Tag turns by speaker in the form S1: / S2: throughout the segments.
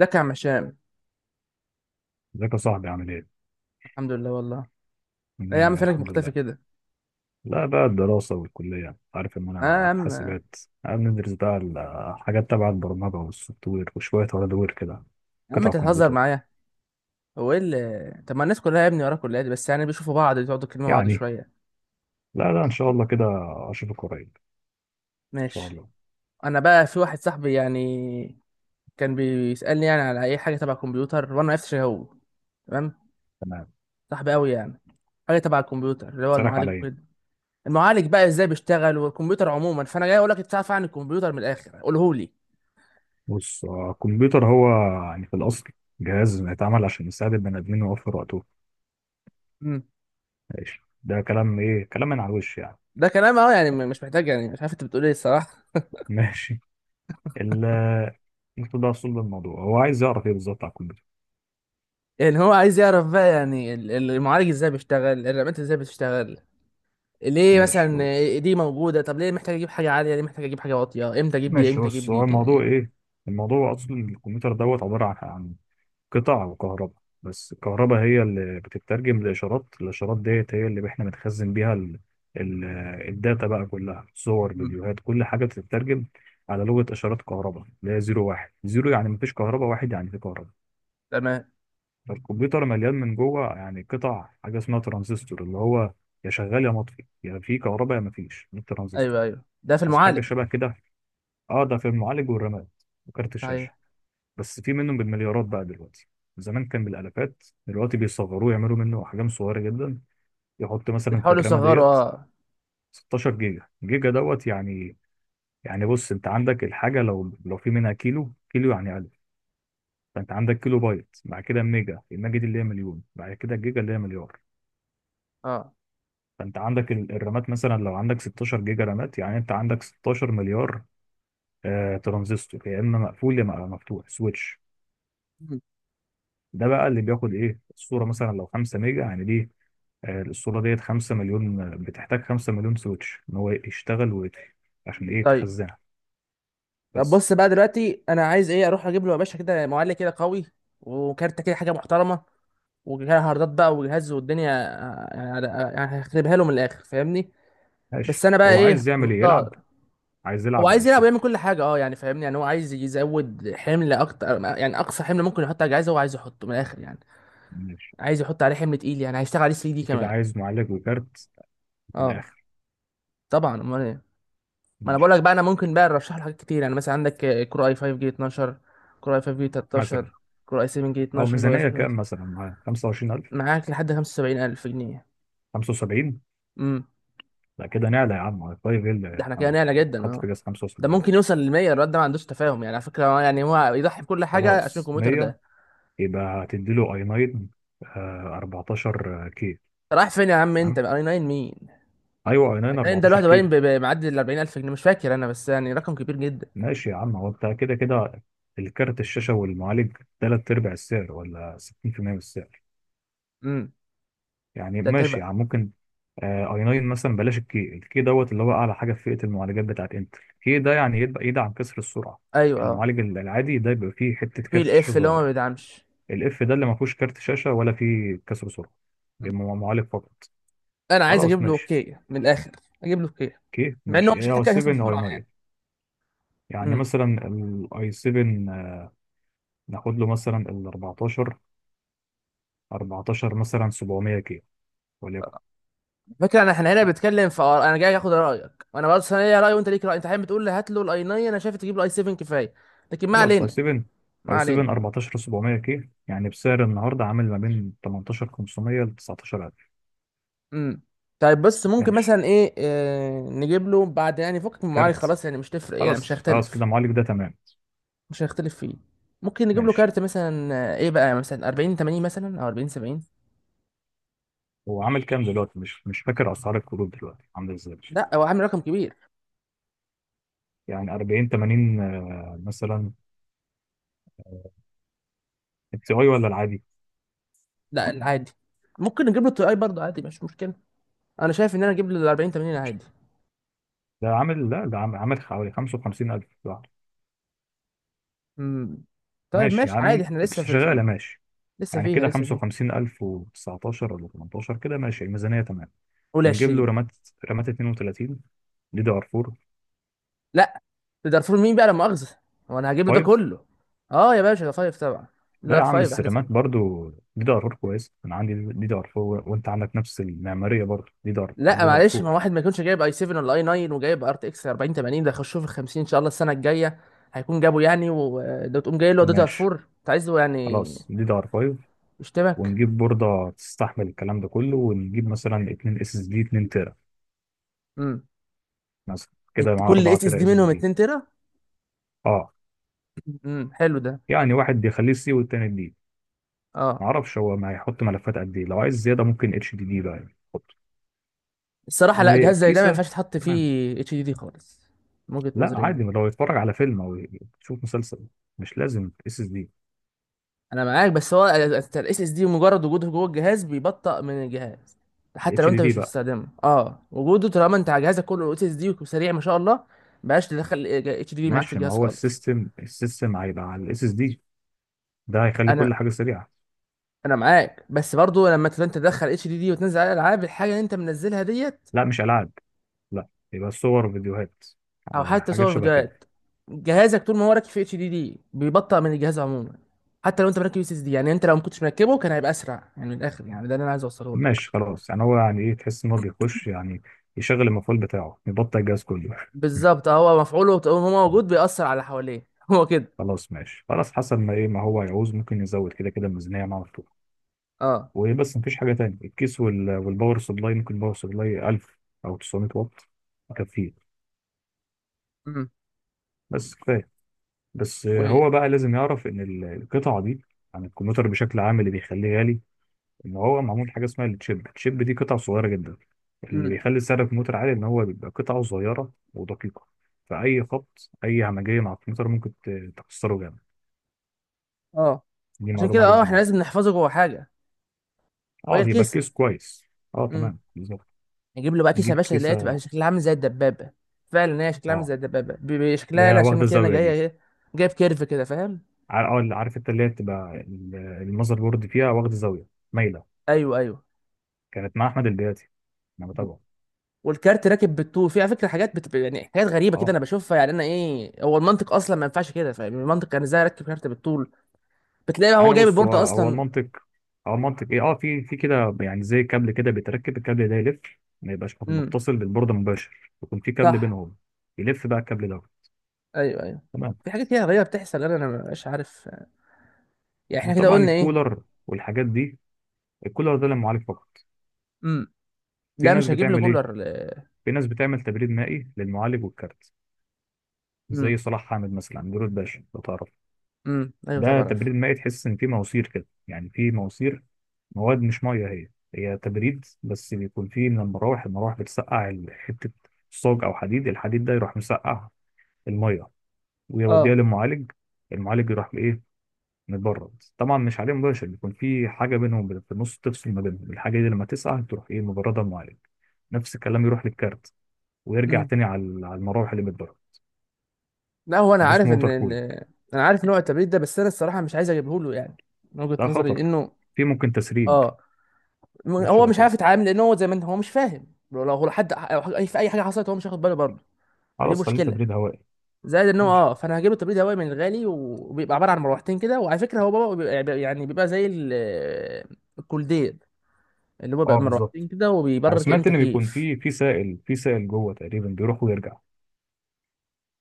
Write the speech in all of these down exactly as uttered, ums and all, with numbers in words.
S1: ازيك يا عم هشام؟
S2: ازيك يا صاحبي عامل ايه؟
S1: الحمد لله والله. ايه يا
S2: مية
S1: عم،
S2: مية
S1: فينك
S2: الحمد
S1: مختفي
S2: لله.
S1: كده؟
S2: لا بقى الدراسة والكلية، عارف ان
S1: اه يا
S2: انا في
S1: عم، يا
S2: حاسبات قاعد ندرس بقى. الحاجات تبع البرمجة والسوفت وير وشوية هاردوير وير كده،
S1: عم
S2: قطع
S1: انت تهزر
S2: كمبيوتر.
S1: معايا. هو ايه اللي، طب ما الناس كلها يا ابني وراك، كلها دي بس يعني بيشوفوا بعض، بيقعدوا يكلموا بعض
S2: يعني،
S1: شويه.
S2: لا لا ان شاء الله كده، اشوفك قريب ان شاء
S1: ماشي.
S2: الله.
S1: انا بقى في واحد صاحبي يعني، كان بيسالني يعني على اي حاجه تبع الكمبيوتر وانا ما عرفتش إيه هو. تمام.
S2: تمام.
S1: صاحبي قوي يعني. حاجه تبع الكمبيوتر، اللي هو
S2: اسألك على
S1: المعالج وكده.
S2: ايه؟
S1: المعالج بقى ازاي بيشتغل والكمبيوتر عموما، فانا جاي اقول لك انت تعرف عن الكمبيوتر من الاخر قوله لي.
S2: بص آه، الكمبيوتر هو يعني في الاصل جهاز يتعمل عشان يساعد البني ادمين ويوفر وقته.
S1: مم.
S2: ماشي، ده كلام ايه؟ كلام من على الوش يعني.
S1: ده كلام اهو، يعني مش محتاج، يعني مش عارف انت بتقول ايه الصراحه.
S2: ماشي. ال- انت ده اصل الموضوع، هو عايز يعرف ايه بالظبط على الكمبيوتر؟
S1: يعني هو عايز يعرف بقى، يعني ال- ال- المعالج ازاي بيشتغل، الرامات ازاي بتشتغل. ليه
S2: ماشي
S1: مثلا دي موجودة؟ طب ليه محتاج اجيب حاجة عالية؟ ليه محتاج اجيب حاجة واطية؟ امتى اجيب دي،
S2: ماشي،
S1: امتى
S2: بص
S1: اجيب دي،
S2: هو
S1: كده
S2: الموضوع
S1: يعني.
S2: ايه. الموضوع اصلا الكمبيوتر دوت عباره عن عن قطع وكهرباء، بس الكهرباء هي اللي بتترجم لاشارات، الاشارات ديت هي اللي احنا بنخزن بيها ال... ال... الداتا بقى، كلها صور
S1: مم.
S2: فيديوهات، كل حاجه بتترجم على لغه اشارات كهرباء، اللي هي زيرو واحد، زيرو يعني مفيش كهرباء، واحد يعني في كهرباء.
S1: تمام.
S2: فالكمبيوتر مليان من جوه يعني قطع، حاجه اسمها ترانزستور، اللي هو يا شغال يا مطفي، يا في كهرباء يا مفيش، ده الترانزستور.
S1: ايوه ايوه، ده في
S2: عايز حاجه
S1: المعالج.
S2: شبه كده. اه ده في المعالج والرامات وكارت الشاشه.
S1: صحيح.
S2: بس في منهم بالمليارات بقى دلوقتي، زمان كان بالالافات، دلوقتي بيصغروه، يعملوا منه احجام صغيره جدا، يحط مثلا في
S1: بيحاولوا
S2: الرامه
S1: يصغروا،
S2: ديت
S1: اه.
S2: ستاشر جيجا. جيجا دوت يعني، يعني بص انت عندك الحاجه، لو لو في منها كيلو كيلو يعني الف، فانت عندك كيلو بايت، بعد كده ميجا، الميجا دي اللي هي مليون، بعد كده الجيجا اللي هي مليار.
S1: اه.
S2: فانت عندك ال- الرامات مثلا، لو عندك ستاشر جيجا رامات يعني انت عندك ستاشر مليار آه ترانزستور، يا اما مقفول يا اما مفتوح، سويتش.
S1: مم.
S2: ده بقى اللي بياخد ايه الصوره، مثلا لو خمسة ميجا يعني دي آه، الاسطوره ديت خمسة مليون، بتحتاج خمسة مليون سويتش ان هو يشتغل ويطفي عشان ايه؟
S1: طيب.
S2: تخزنها.
S1: طب
S2: بس.
S1: بص بقى دلوقتي، انا عايز ايه؟ اروح اجيب له يا باشا كده معالج كده قوي، وكارتة كده حاجة محترمة، وجهاز هاردات بقى وجهاز والدنيا آه، يعني، يعني هخربها له من الاخر، فاهمني. بس
S2: ماشي،
S1: انا بقى
S2: هو
S1: ايه؟
S2: عايز يعمل ايه؟ يلعب؟
S1: محتار.
S2: عايز
S1: هو
S2: يلعب ولا
S1: عايز يلعب
S2: يشتغل؟
S1: ويعمل كل حاجه اه، يعني فاهمني، يعني هو عايز يزود حمل اكتر، يعني اقصى حمل ممكن يحط على الجهاز هو عايز يحطه من الاخر يعني.
S2: ماشي،
S1: عايز يحط عليه حمل تقيل، يعني هيشتغل عليه تلاتة دي
S2: كده
S1: كمان.
S2: عايز معالج وكارت من
S1: اه،
S2: الاخر.
S1: طبعا امال ايه. ما انا بقول
S2: ماشي.
S1: لك بقى، انا ممكن بقى ارشح له حاجات كتير، يعني مثلا عندك آه، كور اي خمسة جيل اتناشر، كور اي خمسة جيل
S2: مثلا
S1: تلتاشر، كور اي سبعة جيل
S2: او
S1: اتناشر، كور اي
S2: ميزانيه
S1: سبعة.
S2: كام مثلا؟ معاه خمسة وعشرين الف؟
S1: معاك لحد خمسة وسبعين الف جنيه.
S2: خمسة وسبعين؟
S1: امم
S2: لا كده نعلى يا عم على طيب
S1: ده
S2: ايه!
S1: احنا كده نعلى جدا
S2: تحط في
S1: اه.
S2: جهاز
S1: ده
S2: خمسة وسبعين!
S1: ممكن يوصل ل ميه. الواد ده ما عندوش تفاهم يعني، على فكره هو يعني، هو يضحي بكل حاجه عشان
S2: خلاص
S1: الكمبيوتر
S2: مية،
S1: ده.
S2: يبقى هتديله اي 9 14 كي.
S1: رايح فين يا عم انت؟
S2: تمام،
S1: اي تسعة مين؟
S2: ايوه اي ناين
S1: باين ده
S2: 14
S1: لوحده باين
S2: كي.
S1: ب- ب- معدي ال اربعين الف جنيه، مش فاكر انا بس يعني رقم كبير جدا.
S2: ماشي يا عم، هو انت كده كده الكارت الشاشة والمعالج تلات أرباع السعر ولا ستين في المية من السعر.
S1: امم
S2: يعني
S1: تلات
S2: ماشي
S1: ارباع.
S2: يا عم، ممكن آه، اي 9 مثلا، بلاش الكي، الكي دوت اللي هو أعلى حاجة في فئة المعالجات بتاعت انتل، الكي ده يعني يبقى يدعم كسر السرعة.
S1: ايوه اه.
S2: المعالج العادي ده بيبقى فيه حتة
S1: وفي
S2: كارت شاشة
S1: الاف اللي هو ما
S2: صغيرة.
S1: بيدعمش.
S2: الاف ده اللي ما فيهوش كارت شاشة ولا فيه كسر سرعة،
S1: مم.
S2: بيبقى معالج فقط.
S1: انا عايز
S2: خلاص
S1: اجيب له
S2: ماشي.
S1: كيا من الاخر. اجيب له كيا،
S2: اوكي
S1: مع ان هو
S2: ماشي،
S1: مش
S2: يا
S1: محتاج اساسا
S2: سفن اي
S1: بسرعه يعني.
S2: ناين. يعني
S1: امم
S2: مثلا الاي سفن، ناخد له مثلا ال اربعتاشر، اربعتاشر مثلا سبعميه كيلو وليكن.
S1: فكره، انا احنا هنا بنتكلم في آراء. انا جاي اخد رايك، وانا بس انا ليا راي وانت ليك راي. انت حابب تقول لي هات له الاي تسعة، انا شايف تجيب له اي سبعة كفايه. لكن ما
S2: خلاص اي
S1: علينا،
S2: سبعة.
S1: ما
S2: اي سبعة
S1: علينا
S2: اربعتاشر سبعمائة كيلو يعني بسعر النهارده عامل ما بين تمنتاشر وخمسميه ل تسعتاشر الف.
S1: امم طيب بص، ممكن
S2: ماشي.
S1: مثلا ايه آه نجيب له بعد يعني فكك من المعالج،
S2: كارت.
S1: خلاص يعني مش تفرق يعني
S2: خلاص
S1: مش
S2: خلاص كده
S1: هيختلف.
S2: المعالج ده تمام.
S1: مش هنختلف فيه. ممكن نجيب له
S2: ماشي،
S1: كارت مثلا آه، ايه بقى، مثلا اربعين تمانين مثلا، او اربعين سبعين.
S2: هو عامل كام دلوقتي؟ مش مش فاكر اسعار الكروت دلوقتي عامله ازاي.
S1: لا هو عامل رقم كبير.
S2: يعني اربعين تمانين آه، مثلا. التي اي ولا العادي؟
S1: لا عادي. ممكن نجيب له التي اي برضه عادي، مش مشكله. انا شايف ان انا اجيب له ال اربعين تمانين عادي.
S2: ده عامل، لا ده عامل، عامل حوالي خمسة وخمسين الف لوحده.
S1: امم طيب
S2: ماشي،
S1: ماشي عادي،
S2: يعني
S1: احنا لسه
S2: مش
S1: في
S2: شغاله،
S1: الفيلم.
S2: ماشي
S1: لسه
S2: يعني
S1: فيها،
S2: كده
S1: لسه فيها
S2: خمسة وخمسين الف وتسعتاشر ولا تمنتاشر كده، ماشي الميزانيه تمام.
S1: قول
S2: ونجيب له
S1: عشرين.
S2: رامات. رامات اتنين وتلاتين دي دي ار فور.
S1: لا، ده دارفور مين بقى لا مؤاخذه؟ هو انا هجيب له ده
S2: خمسة.
S1: كله؟ اه يا باشا، ده خمسة طبعا.
S2: لا
S1: ده
S2: يا عم
S1: خمسة
S2: بس
S1: احدث
S2: الرامات
S1: حاجه.
S2: برضو دي دي ار فور كويس، انا عندي دي دي ار فور، وانت عندك نفس المعماريه برضو دي دي ار
S1: لا
S2: دي دي ار
S1: معلش، ما
S2: فور.
S1: واحد ما يكونش جايب اي سبعة ولا اي تسعة وجايب ار تي اكس اربعين تمانين ده، يخشوه في ال الخمسين ان شاء الله السنه الجايه هيكون جابه يعني، وده تقوم جاي له داتا
S2: ماشي
S1: اربعة؟ انت عايز له يعني
S2: خلاص دي دي ار فايف.
S1: يشتمك.
S2: ونجيب بورده تستحمل الكلام ده كله، ونجيب مثلا اتنين اس اس دي اتنين تيرا
S1: امم
S2: مثلا، كده
S1: الت-
S2: مع
S1: كل
S2: اربعة
S1: اس اس
S2: تيرا
S1: دي
S2: اس اس
S1: منهم
S2: دي.
S1: اتنين تيرا.
S2: اه
S1: امم حلو ده،
S2: يعني واحد بيخليه سي والتاني دي،
S1: اه.
S2: معرفش هو ما هيحط ملفات قد ايه، لو عايز زياده ممكن اتش دي دي بقى يعني يحط.
S1: الصراحه لا، جهاز زي ده ما
S2: وكيسه.
S1: ينفعش تحط
S2: تمام.
S1: فيه اتش دي دي خالص. من وجهه
S2: لا
S1: نظري
S2: عادي،
S1: يعني.
S2: لو يتفرج على فيلم او يشوف مسلسل مش لازم اس اس دي.
S1: انا معاك، بس هو الاس اس دي مجرد وجوده جوه الجهاز بيبطئ من الجهاز. حتى لو
S2: اتش دي
S1: انت
S2: دي
S1: مش
S2: بقى.
S1: بتستخدمه اه، وجوده طالما انت على جهازك كله اس اس دي وسريع ما شاء الله، بلاش تدخل اتش دي دي معاك في
S2: ماشي، ما
S1: الجهاز
S2: هو
S1: خالص.
S2: السيستم، السيستم هيبقى على الاس اس دي، ده هيخلي كل
S1: انا
S2: حاجه سريعه.
S1: انا معاك، بس برضو لما تبقى انت تدخل اتش دي دي وتنزل عليها العاب، الحاجه اللي انت منزلها ديت،
S2: لا مش العاب. لا. يبقى صور فيديوهات
S1: او
S2: آه،
S1: حتى
S2: حاجات
S1: صور
S2: شبه
S1: فيديوهات،
S2: كده.
S1: جهازك طول ما هو راكب في اتش دي دي بيبطئ من الجهاز عموما. حتى لو انت مركب اس اس دي، يعني انت لو ما كنتش مركبه كان هيبقى اسرع، يعني من الاخر يعني، ده اللي انا عايز اوصله لك.
S2: ماشي خلاص، يعني هو يعني ايه؟ تحس ان هو بيخش يعني يشغل المفعول بتاعه يبطل الجهاز كله.
S1: بالظبط آه، هو مفعوله طول ما هو موجود بيأثر على اللي حواليه هو كده.
S2: خلاص ماشي. خلاص حسب ما ايه ما هو يعوز، ممكن يزود كده كده الميزانيه معاه.
S1: اه.
S2: وايه بس، مفيش حاجه تانية. الكيس وال... والباور سبلاي، ممكن باور سبلاي الف او تسعميه واط يكفيه.
S1: امم
S2: بس كفايه. بس
S1: و
S2: هو بقى لازم يعرف ان ال- القطعه دي عن الكمبيوتر بشكل عام، اللي بيخليه غالي ان هو معمول حاجه اسمها التشيب، التشيب دي قطعه صغيره جدا، اللي
S1: امم
S2: بيخلي سعر الكمبيوتر عالي ان هو بيبقى قطعه صغيره ودقيقه. فاي خبط، اي همجيه مع الكمبيوتر، ممكن ت- تكسره جامد.
S1: اه،
S2: دي
S1: عشان كده
S2: معلومه
S1: اه
S2: لازم
S1: احنا
S2: نعرفها.
S1: لازم نحفظه جوه حاجه، وهي
S2: اه بيبقى
S1: الكيسه.
S2: الكيس كويس. اه
S1: امم
S2: تمام بالظبط.
S1: نجيب له بقى كيسه يا
S2: نجيب
S1: باشا اللي هي تبقى
S2: كيسه.
S1: شكلها عامل زي الدبابه. فعلا هي شكلها عامل
S2: اه،
S1: زي الدبابه، ب- ب- شكلها
S2: لا
S1: لا،
S2: واخده
S1: عشان كده انا
S2: الزاويه
S1: جايه
S2: دي.
S1: ايه، جايب كيرف كده فاهم.
S2: ع- اه، عارف انت اللي هي بتبقى ال- المذر بورد فيها واخد زاويه مايله،
S1: ايوه ايوه.
S2: كانت مع احمد البياتي انا
S1: مم.
S2: بتابعه.
S1: والكارت راكب بالطول، في على فكره حاجات بت... يعني حاجات غريبه كده
S2: اه
S1: انا بشوفها، يعني انا ايه هو المنطق اصلا؟ ما ينفعش كده فاهم؟ المنطق كان ازاي اركب كارت بالطول؟ بتلاقي هو
S2: يعني
S1: جايب
S2: بص، هو
S1: البورده
S2: هو
S1: اصلا.
S2: المنطق، هو المنطق ايه، اه في في كده يعني زي كابل كده بيتركب، الكابل ده يلف، ما يبقاش
S1: امم
S2: متصل بالبورده مباشر، يكون في كابل
S1: صح.
S2: بينهم يلف بقى الكابل ده.
S1: ايوه ايوه.
S2: تمام.
S1: في حاجات كده غريبه بتحصل، انا انا مبقاش عارف. يعني احنا كده
S2: وطبعا
S1: قلنا ايه؟
S2: الكولر والحاجات دي، الكولر ده للمعالج فقط.
S1: امم
S2: في
S1: لا
S2: ناس
S1: مش هجيب لي
S2: بتعمل ايه؟
S1: كولر ل-
S2: في ناس بتعمل تبريد مائي للمعالج والكارت،
S1: امم
S2: زي صلاح حامد مثلا، نور الباشا لو تعرف.
S1: امم ايوه
S2: ده
S1: طبعا
S2: تبريد
S1: عارفه.
S2: مائي، تحس ان في مواسير كده، يعني في مواسير مواد مش ميه هي، هي تبريد بس بيكون فيه من المراوح، المراوح بتسقع ال- حته صاج او حديد، الحديد ده يروح مسقع الميه ويوديها
S1: اه.
S2: للمعالج. المعالج يروح بايه؟ مبرد، طبعا مش عليه مباشر، بيكون في حاجه بينهم بت- في النص تفصل ما بينهم، الحاجه دي لما تسقع تروح ايه؟ مبرده المعالج. نفس الكلام يروح للكارت، ويرجع
S1: امم
S2: تاني على ال- على المراوح اللي بتبرد.
S1: لا، هو انا
S2: ده اسمه
S1: عارف ان
S2: ووتر
S1: ان
S2: كولينج.
S1: انا عارف نوع التبريد ده، بس انا الصراحه مش عايز اجيبه له يعني، من وجهه
S2: ده
S1: نظري
S2: خطر،
S1: لانه
S2: في ممكن تسريب،
S1: اه م-
S2: حاجات
S1: هو
S2: شبه
S1: مش
S2: كده.
S1: عارف يتعامل، لان هو زي ما انت هو مش فاهم، لو لو حد أو حاجة- اي في اي حاجه حصلت هو مش هياخد باله برضه. فدي
S2: خلاص خليه
S1: مشكله.
S2: تبريد هوائي.
S1: زائد ان هو
S2: ماشي.
S1: اه، فانا هجيب له تبريد هوائي من الغالي، وبيبقى عباره عن مروحتين كده، وعلى فكره هو بابا بيبقى يعني، بيبقى زي ال- الكولدير، اللي هو بقى
S2: اه
S1: مروحتين
S2: بالظبط.
S1: كده
S2: انا
S1: وبيبرر كأنه
S2: سمعت ان بيكون
S1: تكييف.
S2: في في سائل، في سائل جوه تقريبا بيروح ويرجع،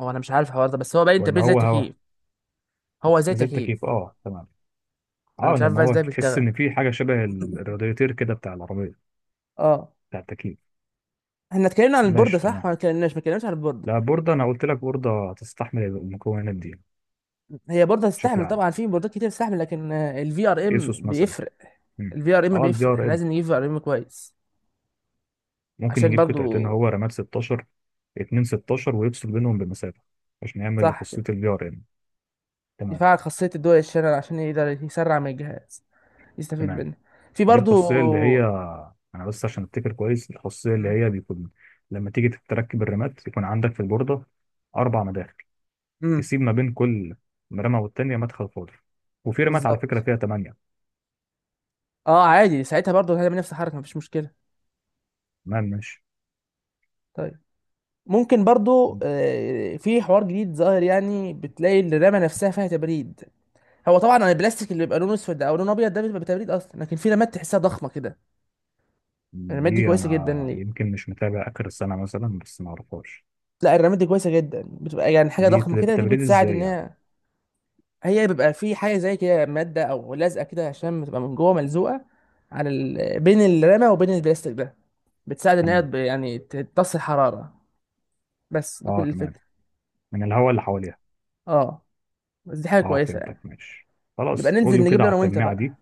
S1: هو انا مش عارف الحوار ده، بس هو باين
S2: ولا
S1: تبريد زي
S2: هو هوا.
S1: التكييف. هو زي
S2: زي
S1: تكييف.
S2: التكييف. اه تمام.
S1: انا
S2: اه
S1: مش عارف
S2: لان
S1: بقى
S2: هو
S1: ازاي
S2: تحس
S1: بيشتغل.
S2: ان في حاجه شبه ال- الرادياتير كده بتاع العربيه،
S1: اه.
S2: بتاع التكييف.
S1: احنا اتكلمنا عن البوردة
S2: ماشي
S1: صح
S2: تمام.
S1: ولا اتكلمناش؟ ما اتكلمناش عن البوردة.
S2: لا بورده، انا قلت لك بورده تستحمل المكونات دي
S1: هي بوردة
S2: بشكل
S1: تستحمل
S2: عام،
S1: طبعا، في بوردات كتير تستحمل، لكن الفي ار ام
S2: ايسوس مثلا.
S1: بيفرق.
S2: مم.
S1: الفي ار ام
S2: اه البي
S1: بيفرق، احنا
S2: ار ام.
S1: لازم نجيب في ار ام كويس.
S2: ممكن
S1: عشان
S2: يجيب قطعتين
S1: برضو،
S2: هو، رامات ستاشر، اتنين ستاشر ويفصل بينهم بمسافه، عشان يعمل
S1: صح كده.
S2: لخاصيه البي ار ام. تمام.
S1: يفعل خاصية الدول الشانل، عشان يقدر يسرع من الجهاز، يستفيد
S2: تمام.
S1: منه. في
S2: دي الخاصية اللي
S1: برضو.
S2: هي، أنا بس عشان أفتكر كويس، الخاصية اللي هي بيكون لما تيجي تركب الرمات يكون عندك في البوردة أربع مداخل،
S1: امم
S2: تسيب ما بين كل رمة والتانية مدخل فاضي. وفي رمات على فكرة
S1: بالظبط.
S2: فيها تمانية.
S1: اه عادي، ساعتها برضو هتعمل نفس الحركة مفيش مشكلة.
S2: تمام ماشي.
S1: طيب، ممكن برضو آه، في حوار جديد ظاهر، يعني بتلاقي الرمة نفسها فيها تبريد. هو طبعا البلاستيك اللي بيبقى لونه اسود او لونه ابيض، ده بيبقى تبريد اصلا، لكن في رمات تحسها ضخمه كده. الرمات دي
S2: دي
S1: كويسه جدا
S2: أنا
S1: ليه؟
S2: يمكن مش متابع آخر السنة مثلا، بس ما أعرفهاش.
S1: لا الرمات دي كويسه جدا، بتبقى يعني حاجه
S2: دي
S1: ضخمه
S2: تب-
S1: كده، دي
S2: تبريد
S1: بتساعد
S2: إزاي
S1: ان
S2: يعني؟
S1: هي، هي بيبقى في حاجه زي كده، ماده او لازقه كده، عشان بتبقى من جوه ملزوقه على ال... بين الرمه وبين البلاستيك ده، بتساعد ان هي
S2: تمام.
S1: تب- يعني تمتص الحراره. بس دي
S2: أه
S1: كل
S2: تمام،
S1: الفكره.
S2: من الهواء اللي حواليها.
S1: اه. بس دي حاجه
S2: أه
S1: كويسه
S2: فهمتك
S1: يعني.
S2: ماشي.
S1: نبقى
S2: خلاص قول
S1: ننزل
S2: له
S1: نجيب
S2: كده
S1: له
S2: على
S1: انا وانت
S2: التجميعة
S1: بقى.
S2: دي.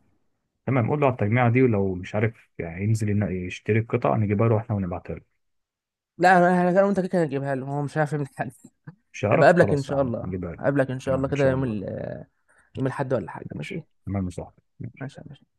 S2: تمام، قول له على التجميعة دي، ولو مش عارف يعني ينزل ينا- يشتري القطع، نجيبها له احنا ونبعتها له.
S1: لا، انا انا أنا وانت كده كده هنجيبها له، هو مش عارف يعمل حاجه.
S2: مش هعرف
S1: ابقى اقابلك ان
S2: خلاص يا
S1: شاء
S2: عم
S1: الله،
S2: نجيبها لك.
S1: اقابلك ان شاء الله
S2: تمام ان
S1: كده
S2: شاء
S1: يوم ال،
S2: الله.
S1: يوم الاحد ولا حاجه؟ ماشي.
S2: ماشي تمام يا صاحبي.
S1: ماشي يا باشا.